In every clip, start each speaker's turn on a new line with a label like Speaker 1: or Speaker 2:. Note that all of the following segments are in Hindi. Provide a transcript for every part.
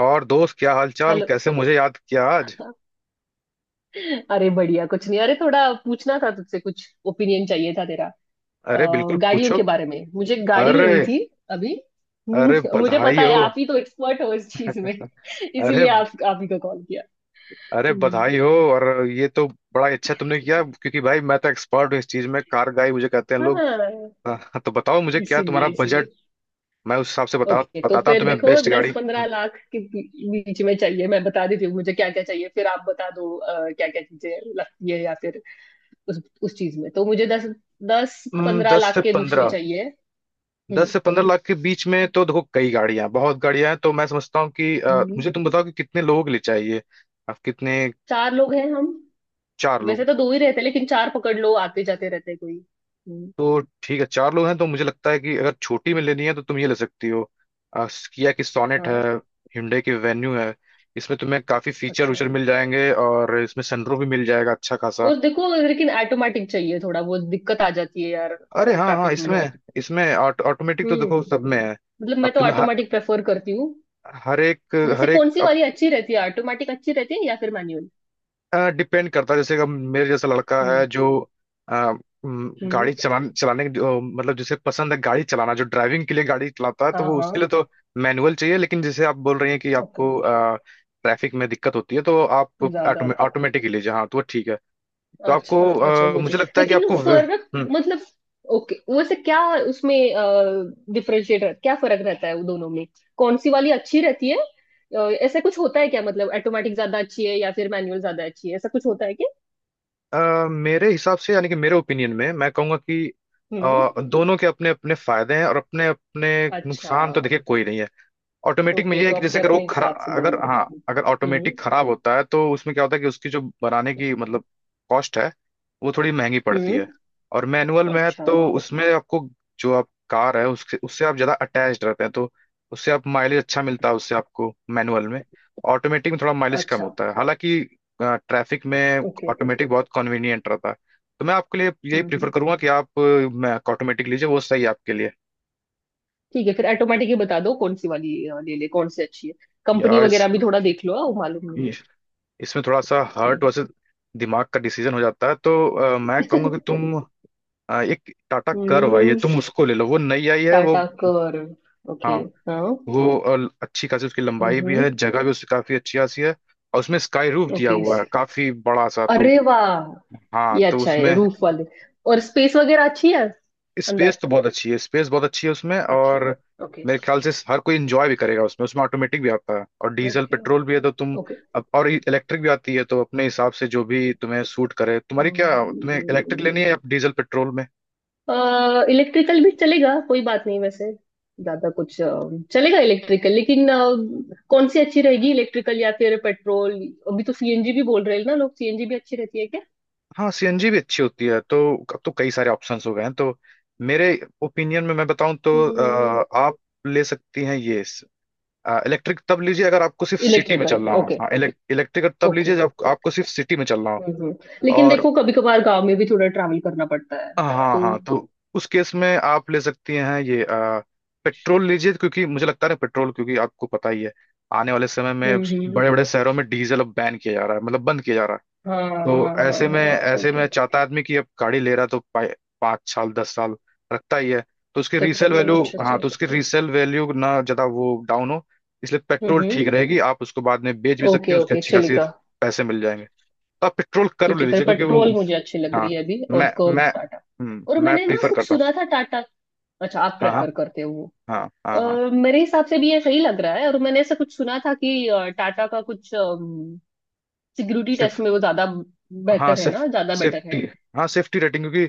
Speaker 1: और दोस्त क्या हालचाल,
Speaker 2: हेलो।
Speaker 1: कैसे मुझे याद किया आज?
Speaker 2: अरे बढ़िया कुछ नहीं। अरे थोड़ा पूछना था तुझसे कुछ ओपिनियन चाहिए था तेरा।
Speaker 1: अरे बिल्कुल
Speaker 2: अ, गाड़ियों
Speaker 1: पूछो।
Speaker 2: के बारे में मुझे गाड़ी
Speaker 1: अरे।
Speaker 2: लेनी थी अभी।
Speaker 1: अरे
Speaker 2: मुझे पता
Speaker 1: बधाई
Speaker 2: है
Speaker 1: हो।
Speaker 2: आप ही तो एक्सपर्ट हो इस चीज में इसीलिए
Speaker 1: अरे।
Speaker 2: आप ही को कॉल किया।
Speaker 1: अरे
Speaker 2: हम्म,
Speaker 1: बधाई हो। और ये तो बड़ा ही अच्छा तुमने किया, क्योंकि भाई मैं तो एक्सपर्ट हूँ इस चीज में। कार गाई मुझे कहते हैं लोग।
Speaker 2: हाँ।
Speaker 1: हाँ, हाँ, तो बताओ मुझे, क्या
Speaker 2: इसीलिए
Speaker 1: तुम्हारा बजट?
Speaker 2: इसीलिए
Speaker 1: मैं उस हिसाब से बता
Speaker 2: ओके तो
Speaker 1: बताता हूँ
Speaker 2: फिर
Speaker 1: तुम्हें
Speaker 2: देखो
Speaker 1: बेस्ट
Speaker 2: दस
Speaker 1: गाड़ी।
Speaker 2: पंद्रह लाख के बीच में चाहिए। मैं बता देती हूँ मुझे क्या क्या चाहिए फिर आप बता दो क्या क्या चीजें लगती है या फिर उस चीज में तो मुझे दस दस पंद्रह
Speaker 1: दस
Speaker 2: लाख
Speaker 1: से
Speaker 2: के बीच में
Speaker 1: पंद्रह।
Speaker 2: चाहिए।
Speaker 1: दस
Speaker 2: हम्म
Speaker 1: से पंद्रह लाख के बीच में तो देखो कई गाड़ियां हैं, बहुत गाड़ियां हैं। तो मैं समझता हूँ कि
Speaker 2: हम्म।
Speaker 1: मुझे तुम बताओ कि कितने लोग ले चाहिए। आप कितने?
Speaker 2: चार लोग हैं हम।
Speaker 1: चार
Speaker 2: वैसे
Speaker 1: लोग?
Speaker 2: तो दो ही रहते हैं लेकिन चार पकड़ लो आते जाते रहते हैं कोई। हम्म,
Speaker 1: तो ठीक है, चार लोग हैं तो मुझे लगता है कि अगर छोटी में लेनी है तो तुम ये ले सकती हो। आ, किया की सोनेट है।
Speaker 2: हाँ।
Speaker 1: hyundai की वेन्यू है। इसमें तुम्हें काफी फीचर
Speaker 2: अच्छा
Speaker 1: उचर मिल जाएंगे, और इसमें सनरूफ भी मिल जाएगा अच्छा खासा।
Speaker 2: और देखो लेकिन ऑटोमेटिक चाहिए थोड़ा वो दिक्कत आ जाती है यार
Speaker 1: अरे हाँ हाँ,
Speaker 2: ट्रैफिक में बहुत।
Speaker 1: इसमें। इसमें ऑटोमेटिक तो
Speaker 2: हम्म।
Speaker 1: देखो सब में है।
Speaker 2: मतलब मैं
Speaker 1: अब
Speaker 2: तो
Speaker 1: तुम्हें
Speaker 2: ऑटोमेटिक प्रेफर करती हूँ।
Speaker 1: हर एक।
Speaker 2: वैसे
Speaker 1: हर एक
Speaker 2: कौन सी वाली अच्छी रहती है ऑटोमेटिक अच्छी रहती है या फिर मैनुअल?
Speaker 1: डिपेंड करता है, जैसे कि अब मेरे जैसा लड़का है
Speaker 2: हम्म
Speaker 1: जो अ,
Speaker 2: हम्म,
Speaker 1: गाड़ी चलाने चलाने की जो- मतलब जिसे पसंद है गाड़ी चलाना, जो ड्राइविंग के लिए गाड़ी चलाता है, तो
Speaker 2: हाँ
Speaker 1: वो
Speaker 2: हाँ,
Speaker 1: उसके लिए तो मैनुअल चाहिए। लेकिन जैसे आप बोल रही हैं कि आपको
Speaker 2: ओके।
Speaker 1: ट्रैफिक में दिक्कत होती है, तो आप
Speaker 2: ज्यादा आता।
Speaker 1: ऑटोमेटिक ले लीजिए, हाँ, तो वो ठीक है। तो आपको
Speaker 2: अच्छा अच्छा वो
Speaker 1: मुझे
Speaker 2: चीज
Speaker 1: लगता है कि
Speaker 2: लेकिन फर्क
Speaker 1: हम्म,
Speaker 2: मतलब। ओके वैसे क्या उसमें डिफरेंशिएट क्या फर्क रहता है वो दोनों में कौन सी वाली अच्छी रहती है? ऐसा कुछ होता है क्या मतलब ऑटोमेटिक ज्यादा अच्छी है या फिर मैनुअल ज्यादा अच्छी है ऐसा कुछ होता है क्या?
Speaker 1: मेरे हिसाब से, यानी कि मेरे ओपिनियन में, मैं कहूँगा कि
Speaker 2: हम्म हम्म।
Speaker 1: अ, दोनों के अपने अपने फायदे हैं और अपने अपने
Speaker 2: अच्छा।
Speaker 1: नुकसान। तो देखिए, कोई नहीं है। ऑटोमेटिक में
Speaker 2: ओके
Speaker 1: ये है
Speaker 2: तो
Speaker 1: कि जैसे
Speaker 2: अपने
Speaker 1: अगर वो
Speaker 2: अपने
Speaker 1: खरा,
Speaker 2: हिसाब से
Speaker 1: अगर
Speaker 2: दोनों।
Speaker 1: हाँ, अगर
Speaker 2: हम्म
Speaker 1: ऑटोमेटिक खराब होता है तो उसमें क्या होता है कि उसकी जो बनाने की, मतलब कॉस्ट है, वो थोड़ी महंगी पड़ती है।
Speaker 2: हम्म।
Speaker 1: और मैनुअल में है
Speaker 2: अच्छा।
Speaker 1: तो उसमें आपको जो आप कार है उसके, उससे आप ज़्यादा अटैच रहते हैं, तो उससे आप माइलेज अच्छा मिलता है, उससे आपको मैनुअल में। ऑटोमेटिक में थोड़ा माइलेज कम
Speaker 2: अच्छा
Speaker 1: होता है, हालांकि ट्रैफिक में
Speaker 2: ओके ओके।
Speaker 1: ऑटोमेटिक बहुत कन्वीनियंट रहता है। तो मैं आपके लिए यही
Speaker 2: हम्म
Speaker 1: प्रीफर
Speaker 2: हम्म।
Speaker 1: करूंगा कि आप ऑटोमेटिक लीजिए, वो सही है आपके लिए।
Speaker 2: ठीक है फिर ऑटोमेटिक ही बता दो कौन सी वाली ले ले कौन सी अच्छी है। कंपनी
Speaker 1: यार
Speaker 2: वगैरह भी थोड़ा देख लो हाँ, वो मालूम नहीं।
Speaker 1: इस इसमें थोड़ा सा हार्ट
Speaker 2: हम्म।
Speaker 1: वर्सेस दिमाग का डिसीजन हो जाता है। तो मैं कहूंगा कि तुम एक टाटा कर्व है, ये
Speaker 2: हम्म।
Speaker 1: तुम उसको ले लो, वो नई आई है वो।
Speaker 2: टाटा कर ओके।
Speaker 1: हाँ।
Speaker 2: हाँ
Speaker 1: वो अच्छी खासी उसकी लंबाई भी
Speaker 2: हम्म।
Speaker 1: है, जगह भी उसकी काफी अच्छी खासी है। और उसमें स्काई रूफ दिया
Speaker 2: ओके
Speaker 1: हुआ है काफी बड़ा सा, तो
Speaker 2: अरे वाह।
Speaker 1: हाँ,
Speaker 2: ये
Speaker 1: तो
Speaker 2: अच्छा
Speaker 1: उसमें
Speaker 2: है रूफ वाले और स्पेस वगैरह अच्छी है अंदर
Speaker 1: स्पेस तो बहुत अच्छी है, स्पेस बहुत अच्छी है उसमें।
Speaker 2: अच्छी
Speaker 1: और
Speaker 2: है। ओके
Speaker 1: मेरे ख्याल से हर कोई एंजॉय भी करेगा उसमें। उसमें ऑटोमेटिक भी आता है और डीजल
Speaker 2: ओके
Speaker 1: पेट्रोल भी है, तो तुम
Speaker 2: ओके।
Speaker 1: अब और इलेक्ट्रिक भी आती है, तो अपने हिसाब से जो भी तुम्हें सूट करे। तुम्हारी क्या, तुम्हें इलेक्ट्रिक लेनी है या डीजल पेट्रोल में?
Speaker 2: इलेक्ट्रिकल भी चलेगा कोई बात नहीं वैसे। ज्यादा कुछ चलेगा इलेक्ट्रिकल लेकिन कौन सी अच्छी रहेगी इलेक्ट्रिकल या फिर पेट्रोल? अभी तो सीएनजी भी बोल रहे हैं ना लोग सीएनजी भी अच्छी रहती है क्या?
Speaker 1: हाँ, सीएनजी भी अच्छी होती है। तो अब तो कई सारे ऑप्शंस हो गए हैं, तो मेरे ओपिनियन में मैं बताऊं तो आप ले सकती हैं ये। इलेक्ट्रिक तब लीजिए अगर आपको सिर्फ सिटी में
Speaker 2: इलेक्ट्रिकल
Speaker 1: चलना हो,
Speaker 2: ओके
Speaker 1: हाँ। इलेक्ट्रिक तब लीजिए
Speaker 2: ओके।
Speaker 1: जब आपको सिर्फ सिटी में चलना हो।
Speaker 2: हम्म हम्म। लेकिन
Speaker 1: और
Speaker 2: देखो कभी कभार गांव में भी थोड़ा ट्रैवल करना पड़ता है
Speaker 1: हाँ
Speaker 2: तो।
Speaker 1: हाँ, तो उस केस में आप ले सकती हैं ये पेट्रोल लीजिए, क्योंकि मुझे लगता है ना पेट्रोल, क्योंकि आपको पता ही है आने वाले समय में
Speaker 2: हम्म हम्म
Speaker 1: बड़े बड़े शहरों में डीजल अब बैन किया जा रहा है, मतलब बंद किया जा रहा है।
Speaker 2: हाँ हाँ
Speaker 1: तो
Speaker 2: हाँ
Speaker 1: ऐसे में,
Speaker 2: हाँ
Speaker 1: ऐसे
Speaker 2: ओके
Speaker 1: में चाहता आदमी कि अब गाड़ी ले रहा है तो पाँच साल दस साल रखता ही है। तो उसकी
Speaker 2: तो।
Speaker 1: रीसेल
Speaker 2: चलिए
Speaker 1: वैल्यू,
Speaker 2: अच्छे
Speaker 1: हाँ,
Speaker 2: से।
Speaker 1: तो उसकी रीसेल वैल्यू ना ज़्यादा वो डाउन हो, इसलिए
Speaker 2: हम्म
Speaker 1: पेट्रोल
Speaker 2: हम्म
Speaker 1: ठीक रहेगी। आप उसको बाद में बेच भी सकते
Speaker 2: ओके
Speaker 1: हैं, उसके
Speaker 2: ओके
Speaker 1: अच्छी खासी
Speaker 2: चलेगा।
Speaker 1: पैसे मिल जाएंगे। तो आप पेट्रोल कर
Speaker 2: ठीक
Speaker 1: ले
Speaker 2: है फिर
Speaker 1: लीजिए क्योंकि वो
Speaker 2: पेट्रोल मुझे अच्छी लग
Speaker 1: हाँ,
Speaker 2: रही है अभी। और
Speaker 1: मैं
Speaker 2: कर्व
Speaker 1: मैं
Speaker 2: टाटा और
Speaker 1: मैं
Speaker 2: मैंने ना
Speaker 1: प्रीफर
Speaker 2: कुछ
Speaker 1: करता हूँ।
Speaker 2: सुना था टाटा। अच्छा आप
Speaker 1: हाँ। हाँ
Speaker 2: प्रेफर करते हो वो?
Speaker 1: हाँ हाँ। हाँ
Speaker 2: मेरे हिसाब से भी ये सही लग रहा है और मैंने ऐसा कुछ सुना था कि टाटा का कुछ सिक्योरिटी टेस्ट
Speaker 1: सिर्फ,
Speaker 2: में वो ज्यादा
Speaker 1: हाँ
Speaker 2: बेहतर है
Speaker 1: सिर्फ
Speaker 2: ना ज्यादा बेटर
Speaker 1: सेफ्टी,
Speaker 2: है।
Speaker 1: हाँ सेफ्टी रेटिंग, क्योंकि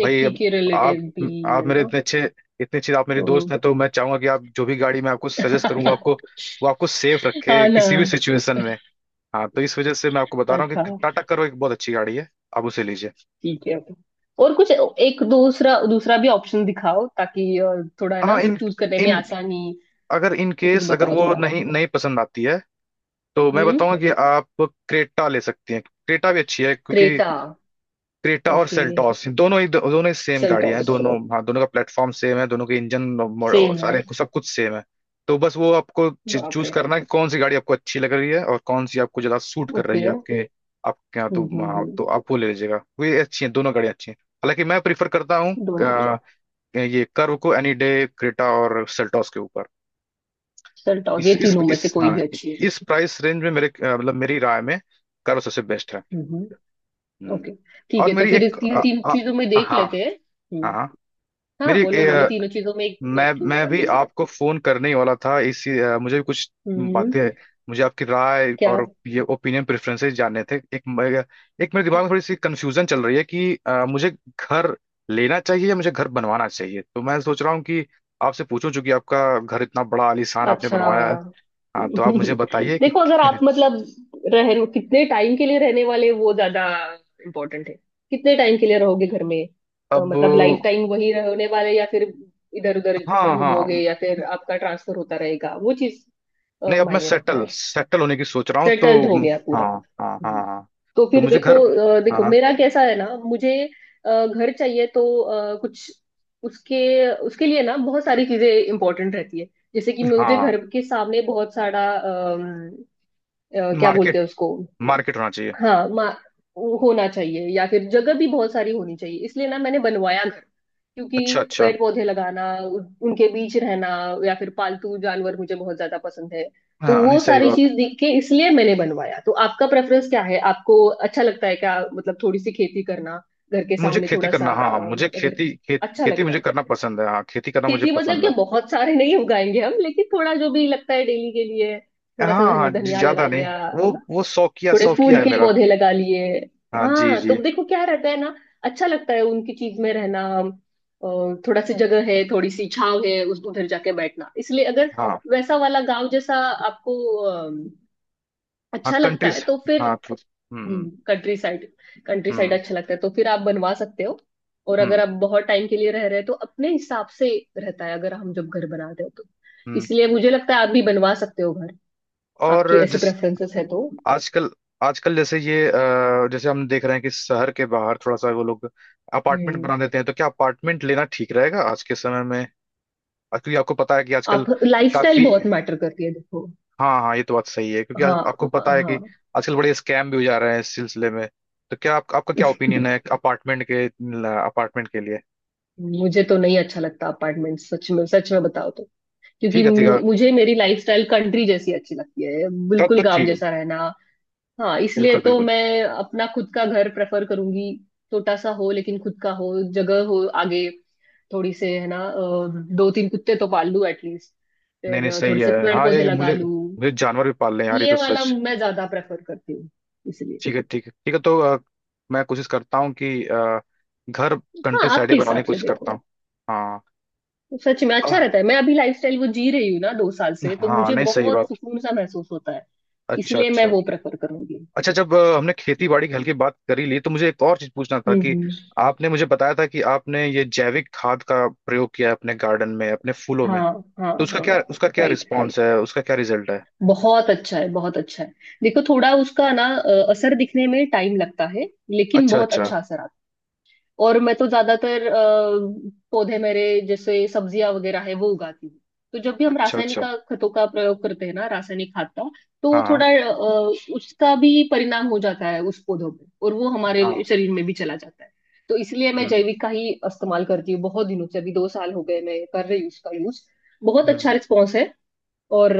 Speaker 1: भाई अब
Speaker 2: के
Speaker 1: आप
Speaker 2: रिलेटेड भी
Speaker 1: आप
Speaker 2: है
Speaker 1: मेरे
Speaker 2: ना
Speaker 1: इतने अच्छे, इतने अच्छे आप मेरे
Speaker 2: तो।
Speaker 1: दोस्त हैं, तो मैं चाहूंगा कि आप जो भी गाड़ी मैं आपको सजेस्ट करूंगा, आपको वो आपको सेफ रखे
Speaker 2: हाँ ना।
Speaker 1: किसी भी सिचुएशन में। हाँ, तो इस वजह से मैं आपको बता रहा हूँ
Speaker 2: अच्छा
Speaker 1: कि टाटा करो एक बहुत अच्छी गाड़ी है, आप उसे लीजिए।
Speaker 2: ठीक है ओके। और कुछ एक दूसरा दूसरा भी ऑप्शन दिखाओ ताकि थोड़ा है ना
Speaker 1: हाँ इन
Speaker 2: चूज करने में
Speaker 1: इन
Speaker 2: आसानी।
Speaker 1: अगर इन
Speaker 2: कुछ
Speaker 1: केस अगर
Speaker 2: बताओ
Speaker 1: वो
Speaker 2: थोड़ा।
Speaker 1: नहीं नहीं पसंद आती है, तो मैं
Speaker 2: हम्म
Speaker 1: बताऊंगा कि आप क्रेटा ले सकती हैं। क्रेटा भी अच्छी है, क्योंकि
Speaker 2: क्रेटा
Speaker 1: क्रेटा और
Speaker 2: ओके
Speaker 1: सेल्टॉस दोनों ही सेम गाड़ियां हैं।
Speaker 2: सेल्टॉस
Speaker 1: दोनों, हाँ, दोनों का प्लेटफॉर्म सेम है, दोनों के इंजन
Speaker 2: सेम है
Speaker 1: सब कुछ सेम है। तो बस वो आपको
Speaker 2: बाप
Speaker 1: चूज
Speaker 2: रे
Speaker 1: करना है कि कौन सी गाड़ी आपको अच्छी लग रही है और कौन सी आपको ज्यादा सूट कर रही
Speaker 2: ओके।
Speaker 1: है आपके आपके यहाँ। तो हाँ,
Speaker 2: हम्म।
Speaker 1: तो आप वो ले लीजिएगा, वे अच्छी हैं, दोनों गाड़ियाँ अच्छी हैं। हालांकि मैं प्रीफर करता हूँ
Speaker 2: दोनों अच्छे।
Speaker 1: ये कर्व को एनी डे क्रेटा और सेल्टॉस के ऊपर।
Speaker 2: सेल्टॉस
Speaker 1: इस
Speaker 2: ये
Speaker 1: इस
Speaker 2: तीनों में से
Speaker 1: इस
Speaker 2: कोई
Speaker 1: हाँ,
Speaker 2: भी अच्छी है।
Speaker 1: इस प्राइस रेंज में मेरे मतलब मेरी राय में कर्व सबसे बेस्ट है।
Speaker 2: हम्म हम्म
Speaker 1: हम्म।
Speaker 2: ओके ठीक
Speaker 1: और
Speaker 2: है तो
Speaker 1: मेरी
Speaker 2: फिर इस
Speaker 1: एक
Speaker 2: तीन तीन चीजों में देख
Speaker 1: हाँ
Speaker 2: लेते हैं।
Speaker 1: हाँ।
Speaker 2: हम्म।
Speaker 1: हाँ।
Speaker 2: हाँ
Speaker 1: मेरी
Speaker 2: बोलो बोलो तीनों चीजों में एक
Speaker 1: मैं
Speaker 2: चूज
Speaker 1: मैं
Speaker 2: कर
Speaker 1: भी
Speaker 2: लेंगे।
Speaker 1: आपको फोन करने ही वाला था इसी मुझे भी कुछ
Speaker 2: हम्म
Speaker 1: बातें, मुझे आपकी राय
Speaker 2: क्या
Speaker 1: और ये ओपिनियन प्रेफरेंसेस जानने थे। एक मेरे दिमाग में थोड़ी सी कंफ्यूजन चल रही है कि मुझे घर लेना चाहिए या मुझे घर बनवाना चाहिए। तो मैं सोच रहा हूँ कि आपसे पूछूं, चूंकि आपका घर इतना बड़ा आलीशान आपने
Speaker 2: अच्छा।
Speaker 1: बनवाया है। हाँ, तो आप मुझे बताइए कि
Speaker 2: देखो अगर आप मतलब रह रहे हो, कितने टाइम के लिए रहने वाले वो ज्यादा इम्पोर्टेंट है। कितने टाइम के लिए रहोगे घर में तो?
Speaker 1: अब,
Speaker 2: मतलब लाइफ टाइम वही रहने वाले या फिर इधर उधर
Speaker 1: हाँ
Speaker 2: घूमोगे
Speaker 1: हाँ,
Speaker 2: या फिर आपका ट्रांसफर होता रहेगा वो चीज
Speaker 1: नहीं, अब मैं
Speaker 2: मायने रखता
Speaker 1: सेटल
Speaker 2: है।
Speaker 1: सेटल होने की सोच रहा हूँ तो
Speaker 2: सेटल्ड हो गया पूरा?
Speaker 1: हाँ हाँ हाँ।
Speaker 2: हम्म,
Speaker 1: हाँ,
Speaker 2: तो
Speaker 1: तो
Speaker 2: फिर
Speaker 1: मुझे घर,
Speaker 2: देखो। देखो
Speaker 1: हाँ
Speaker 2: मेरा कैसा है ना मुझे घर चाहिए तो कुछ उसके उसके लिए ना बहुत सारी चीजें इंपॉर्टेंट रहती है। जैसे कि मुझे घर
Speaker 1: हाँ,
Speaker 2: के सामने बहुत सारा क्या बोलते
Speaker 1: मार्केट,
Speaker 2: हैं उसको?
Speaker 1: मार्केट होना चाहिए।
Speaker 2: हाँ मा होना चाहिए या फिर जगह भी बहुत सारी होनी चाहिए इसलिए ना मैंने बनवाया घर क्योंकि
Speaker 1: अच्छा अच्छा,
Speaker 2: पेड़ पौधे लगाना उनके बीच रहना या फिर पालतू जानवर मुझे बहुत ज्यादा पसंद है। तो
Speaker 1: हाँ नहीं
Speaker 2: वो
Speaker 1: सही
Speaker 2: सारी
Speaker 1: बात।
Speaker 2: चीज देख के इसलिए मैंने बनवाया। तो आपका प्रेफरेंस क्या है आपको अच्छा लगता है क्या मतलब थोड़ी सी खेती करना घर के
Speaker 1: मुझे
Speaker 2: सामने
Speaker 1: खेती
Speaker 2: थोड़ा सा
Speaker 1: करना, हाँ, मुझे
Speaker 2: अगर
Speaker 1: खेती, खेत
Speaker 2: अच्छा
Speaker 1: खेती
Speaker 2: लगता
Speaker 1: मुझे
Speaker 2: है?
Speaker 1: करना पसंद है, हाँ, खेती करना मुझे
Speaker 2: खेती मतलब
Speaker 1: पसंद
Speaker 2: कि
Speaker 1: है।
Speaker 2: बहुत सारे नहीं उगाएंगे हम लेकिन थोड़ा जो भी लगता है डेली के लिए थोड़ा सा
Speaker 1: हाँ हाँ जी,
Speaker 2: धनिया लगा
Speaker 1: ज्यादा नहीं,
Speaker 2: लिया
Speaker 1: वो वो शौकिया
Speaker 2: थोड़े
Speaker 1: शौकिया
Speaker 2: फूल
Speaker 1: है
Speaker 2: के
Speaker 1: मेरा।
Speaker 2: पौधे लगा लिए।
Speaker 1: हाँ जी
Speaker 2: हाँ
Speaker 1: जी।
Speaker 2: तो देखो क्या रहता है ना। अच्छा लगता है उनकी चीज में रहना और थोड़ा सी जगह है थोड़ी सी छाव है उस उधर जाके बैठना इसलिए अगर
Speaker 1: हाँ
Speaker 2: वैसा वाला गांव जैसा आपको अम,
Speaker 1: हाँ
Speaker 2: अच्छा लगता है
Speaker 1: कंट्रीज।
Speaker 2: तो फिर
Speaker 1: हाँ तो हम्म
Speaker 2: कंट्री साइड। कंट्री साइड
Speaker 1: हम्म
Speaker 2: अच्छा लगता है तो फिर आप बनवा सकते हो। और
Speaker 1: हम्म
Speaker 2: अगर आप बहुत टाइम के लिए रह रहे हो तो अपने हिसाब से रहता है अगर हम जब घर बनाते हो तो।
Speaker 1: हम्म।
Speaker 2: इसलिए मुझे लगता है आप भी बनवा सकते हो घर आपकी
Speaker 1: और
Speaker 2: ऐसे
Speaker 1: जिस
Speaker 2: प्रेफरेंसेस है तो।
Speaker 1: आजकल, आजकल जैसे ये जैसे हम देख रहे हैं कि शहर के बाहर थोड़ा सा वो लोग अपार्टमेंट
Speaker 2: हम्म।
Speaker 1: बना देते हैं। तो क्या अपार्टमेंट लेना ठीक रहेगा आज के समय में? क्योंकि आपको पता है कि
Speaker 2: आप
Speaker 1: आजकल
Speaker 2: लाइफस्टाइल
Speaker 1: काफी,
Speaker 2: बहुत मैटर करती है देखो।
Speaker 1: हाँ हाँ ये तो बात सही है, क्योंकि
Speaker 2: हाँ
Speaker 1: आपको पता है कि
Speaker 2: हाँ।
Speaker 1: आजकल बड़े स्कैम भी हो जा रहे हैं इस सिलसिले में। तो क्या आप, आपका क्या ओपिनियन है अपार्टमेंट के लिए?
Speaker 2: मुझे तो नहीं अच्छा लगता अपार्टमेंट सच में। सच में बताओ तो क्योंकि
Speaker 1: ठीक है ठीक है,
Speaker 2: मुझे मेरी लाइफस्टाइल कंट्री जैसी अच्छी लगती है
Speaker 1: तब
Speaker 2: बिल्कुल
Speaker 1: तो
Speaker 2: गांव
Speaker 1: ठीक है।
Speaker 2: जैसा रहना। हाँ इसलिए
Speaker 1: बिल्कुल
Speaker 2: तो
Speaker 1: बिल्कुल,
Speaker 2: मैं अपना खुद का घर प्रेफर करूंगी। छोटा सा हो लेकिन खुद का हो जगह हो आगे थोड़ी से है ना दो तीन कुत्ते तो पाल लूं एटलीस्ट
Speaker 1: नहीं नहीं
Speaker 2: फिर थोड़े
Speaker 1: सही
Speaker 2: से
Speaker 1: है,
Speaker 2: पेड़
Speaker 1: हाँ
Speaker 2: पौधे
Speaker 1: ये
Speaker 2: लगा
Speaker 1: मुझे,
Speaker 2: लूं।
Speaker 1: मुझे जानवर भी पालने हैं यार, ये
Speaker 2: ये
Speaker 1: तो
Speaker 2: वाला
Speaker 1: सच।
Speaker 2: मैं ज्यादा प्रेफर करती हूँ इसलिए।
Speaker 1: ठीक है ठीक है ठीक है, तो मैं कोशिश करता हूँ कि घर
Speaker 2: हाँ
Speaker 1: कंट्री साइड
Speaker 2: आपके
Speaker 1: ही बनाने
Speaker 2: हिसाब
Speaker 1: की
Speaker 2: से
Speaker 1: कोशिश करता
Speaker 2: देखो
Speaker 1: हूँ। हाँ,
Speaker 2: सच में अच्छा
Speaker 1: अ,
Speaker 2: रहता है मैं अभी लाइफस्टाइल वो जी रही हूँ ना 2 साल से तो
Speaker 1: हाँ
Speaker 2: मुझे
Speaker 1: नहीं सही
Speaker 2: बहुत
Speaker 1: बात,
Speaker 2: सुकून सा महसूस होता है।
Speaker 1: अच्छा
Speaker 2: इसलिए मैं
Speaker 1: अच्छा।
Speaker 2: वो प्रेफर करूंगी।
Speaker 1: अच्छा जब हमने खेती बाड़ी के हल की बात करी ली, तो मुझे एक और चीज पूछना था कि
Speaker 2: हम्म।
Speaker 1: आपने मुझे बताया था कि आपने ये जैविक खाद का प्रयोग किया है अपने गार्डन में, अपने फूलों में।
Speaker 2: हाँ हाँ
Speaker 1: तो उसका
Speaker 2: हाँ
Speaker 1: क्या, उसका क्या
Speaker 2: राइट।
Speaker 1: रिस्पॉन्स है, उसका क्या रिजल्ट है?
Speaker 2: बहुत अच्छा है बहुत अच्छा है। देखो थोड़ा उसका ना असर दिखने में टाइम लगता है लेकिन
Speaker 1: अच्छा
Speaker 2: बहुत
Speaker 1: अच्छा,
Speaker 2: अच्छा असर आता है। और मैं तो ज्यादातर पौधे मेरे जैसे सब्जियां वगैरह है वो उगाती हूँ। तो जब भी हम
Speaker 1: अच्छा
Speaker 2: रासायनिक
Speaker 1: अच्छा,
Speaker 2: का खतों का प्रयोग करते हैं ना रासायनिक खाद का तो
Speaker 1: हाँ
Speaker 2: थोड़ा उसका भी परिणाम हो जाता है उस पौधों पे और वो
Speaker 1: हाँ,
Speaker 2: हमारे शरीर में भी चला जाता है। तो इसलिए मैं
Speaker 1: हम्म
Speaker 2: जैविक का ही इस्तेमाल करती हूँ बहुत दिनों से अभी 2 साल हो गए मैं कर रही हूँ उसका यूज। बहुत अच्छा
Speaker 1: हम्म।
Speaker 2: रिस्पॉन्स है और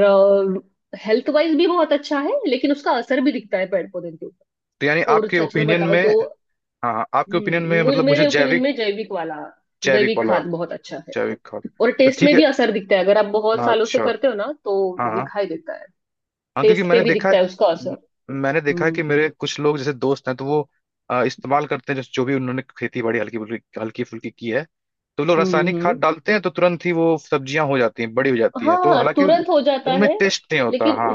Speaker 2: हेल्थ वाइज भी बहुत अच्छा है लेकिन उसका असर भी दिखता है पेड़ पौधे के ऊपर।
Speaker 1: तो यानी
Speaker 2: और
Speaker 1: आपके
Speaker 2: सच में
Speaker 1: ओपिनियन
Speaker 2: बताओ
Speaker 1: में,
Speaker 2: तो
Speaker 1: हाँ हाँ, आपके ओपिनियन में
Speaker 2: मुझ
Speaker 1: मतलब मुझे
Speaker 2: मेरे ओपिनियन
Speaker 1: जैविक,
Speaker 2: में जैविक वाला
Speaker 1: जैविक
Speaker 2: जैविक
Speaker 1: वाला,
Speaker 2: खाद बहुत अच्छा है।
Speaker 1: जैविक खाद,
Speaker 2: और
Speaker 1: तो
Speaker 2: टेस्ट
Speaker 1: ठीक
Speaker 2: में
Speaker 1: है।
Speaker 2: भी असर दिखता है अगर आप बहुत
Speaker 1: हाँ,
Speaker 2: सालों से
Speaker 1: अच्छा,
Speaker 2: करते हो ना तो
Speaker 1: हाँ हाँ
Speaker 2: दिखाई देता है
Speaker 1: हाँ। क्योंकि
Speaker 2: टेस्ट पे
Speaker 1: मैंने
Speaker 2: भी
Speaker 1: देखा
Speaker 2: दिखता
Speaker 1: है,
Speaker 2: है उसका
Speaker 1: म-
Speaker 2: असर।
Speaker 1: मैंने देखा है
Speaker 2: हम्म
Speaker 1: कि मेरे कुछ लोग जैसे दोस्त हैं, तो वो इस्तेमाल करते हैं जो, जो भी उन्होंने खेती बाड़ी हल्की फुल्की की है। तो लोग
Speaker 2: हम्म
Speaker 1: रासायनिक खाद
Speaker 2: हम्म
Speaker 1: डालते हैं, तो तुरंत ही वो सब्जियां हो जाती हैं, बड़ी हो जाती हैं, तो
Speaker 2: हाँ
Speaker 1: हालांकि
Speaker 2: तुरंत हो जाता
Speaker 1: उनमें
Speaker 2: है
Speaker 1: टेस्ट नहीं होता,
Speaker 2: लेकिन
Speaker 1: हाँ।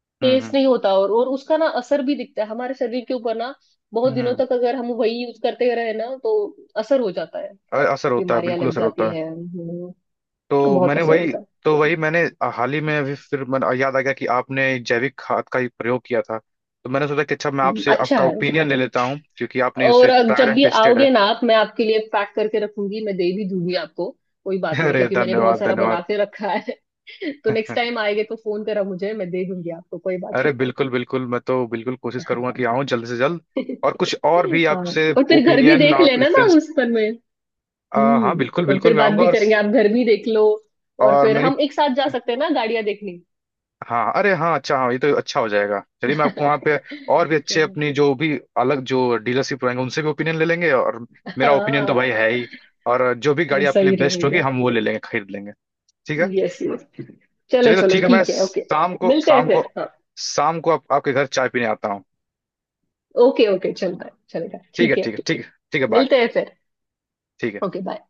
Speaker 1: हम्म
Speaker 2: टेस्ट
Speaker 1: हम्म
Speaker 2: नहीं होता और उसका ना असर भी दिखता है हमारे शरीर के ऊपर ना। बहुत दिनों
Speaker 1: हम्म।
Speaker 2: तक अगर हम वही यूज करते रहे ना तो असर हो जाता है
Speaker 1: असर होता है,
Speaker 2: बीमारियां
Speaker 1: बिल्कुल
Speaker 2: लग
Speaker 1: असर होता
Speaker 2: जाती
Speaker 1: है।
Speaker 2: है।
Speaker 1: तो
Speaker 2: बहुत
Speaker 1: मैंने
Speaker 2: असर
Speaker 1: वही,
Speaker 2: होता है।
Speaker 1: तो वही मैंने हाल ही में अभी फिर याद आ गया कि आपने जैविक खाद का ही प्रयोग किया था। तो मैंने सोचा कि अच्छा, मैं आपसे
Speaker 2: अच्छा
Speaker 1: आपका
Speaker 2: है।
Speaker 1: ओपिनियन ले लेता हूँ क्योंकि आपने उसे
Speaker 2: और अब
Speaker 1: ट्राइड
Speaker 2: जब
Speaker 1: एंड
Speaker 2: भी
Speaker 1: टेस्टेड है।
Speaker 2: आओगे ना आप मैं आपके लिए पैक करके रखूंगी मैं दे भी दूंगी आपको। कोई बात नहीं
Speaker 1: अरे
Speaker 2: क्योंकि मैंने बहुत
Speaker 1: धन्यवाद
Speaker 2: सारा
Speaker 1: धन्यवाद।
Speaker 2: बना के रखा है। तो नेक्स्ट टाइम आएंगे तो फोन करा मुझे मैं दे दूंगी आपको कोई बात
Speaker 1: अरे बिल्कुल बिल्कुल, मैं तो बिल्कुल कोशिश करूंगा कि आऊं जल्द से जल्द।
Speaker 2: नहीं।
Speaker 1: और कुछ और भी
Speaker 2: हाँ
Speaker 1: आपसे
Speaker 2: और फिर घर भी
Speaker 1: ओपिनियन
Speaker 2: देख
Speaker 1: और
Speaker 2: लेना ना
Speaker 1: प्रेफरेंस।
Speaker 2: उस पर में।
Speaker 1: हाँ बिल्कुल
Speaker 2: और
Speaker 1: बिल्कुल,
Speaker 2: फिर
Speaker 1: मैं
Speaker 2: बात
Speaker 1: आऊंगा।
Speaker 2: भी करेंगे आप घर भी देख लो और
Speaker 1: और
Speaker 2: फिर
Speaker 1: मेरी,
Speaker 2: हम एक साथ जा सकते हैं ना गाड़ियां देखने।
Speaker 1: हाँ अरे हाँ अच्छा हाँ, ये तो अच्छा हो जाएगा। चलिए, मैं आपको वहाँ पे और भी अच्छे
Speaker 2: चलो
Speaker 1: अपनी जो भी अलग जो डीलरशिप रहेंगे उनसे भी ओपिनियन ले लेंगे, और मेरा ओपिनियन तो भाई
Speaker 2: हाँ
Speaker 1: है ही, और जो भी गाड़ी
Speaker 2: ये
Speaker 1: आपके लिए
Speaker 2: सही
Speaker 1: बेस्ट होगी
Speaker 2: रहेगा।
Speaker 1: हम वो ले लेंगे, खरीद लेंगे। ठीक है।
Speaker 2: यस यस चलो
Speaker 1: चलिए तो
Speaker 2: चलो
Speaker 1: ठीक है, मैं
Speaker 2: ठीक है ओके।
Speaker 1: शाम को,
Speaker 2: मिलते हैं
Speaker 1: शाम को,
Speaker 2: फिर हाँ।
Speaker 1: शाम को आप, आपके घर चाय पीने आता हूँ।
Speaker 2: ओके ओके चलता है चलेगा
Speaker 1: ठीक है
Speaker 2: ठीक है।
Speaker 1: ठीक है ठीक है ठीक है, बाय।
Speaker 2: मिलते हैं फिर
Speaker 1: ठीक है।
Speaker 2: Okay bye.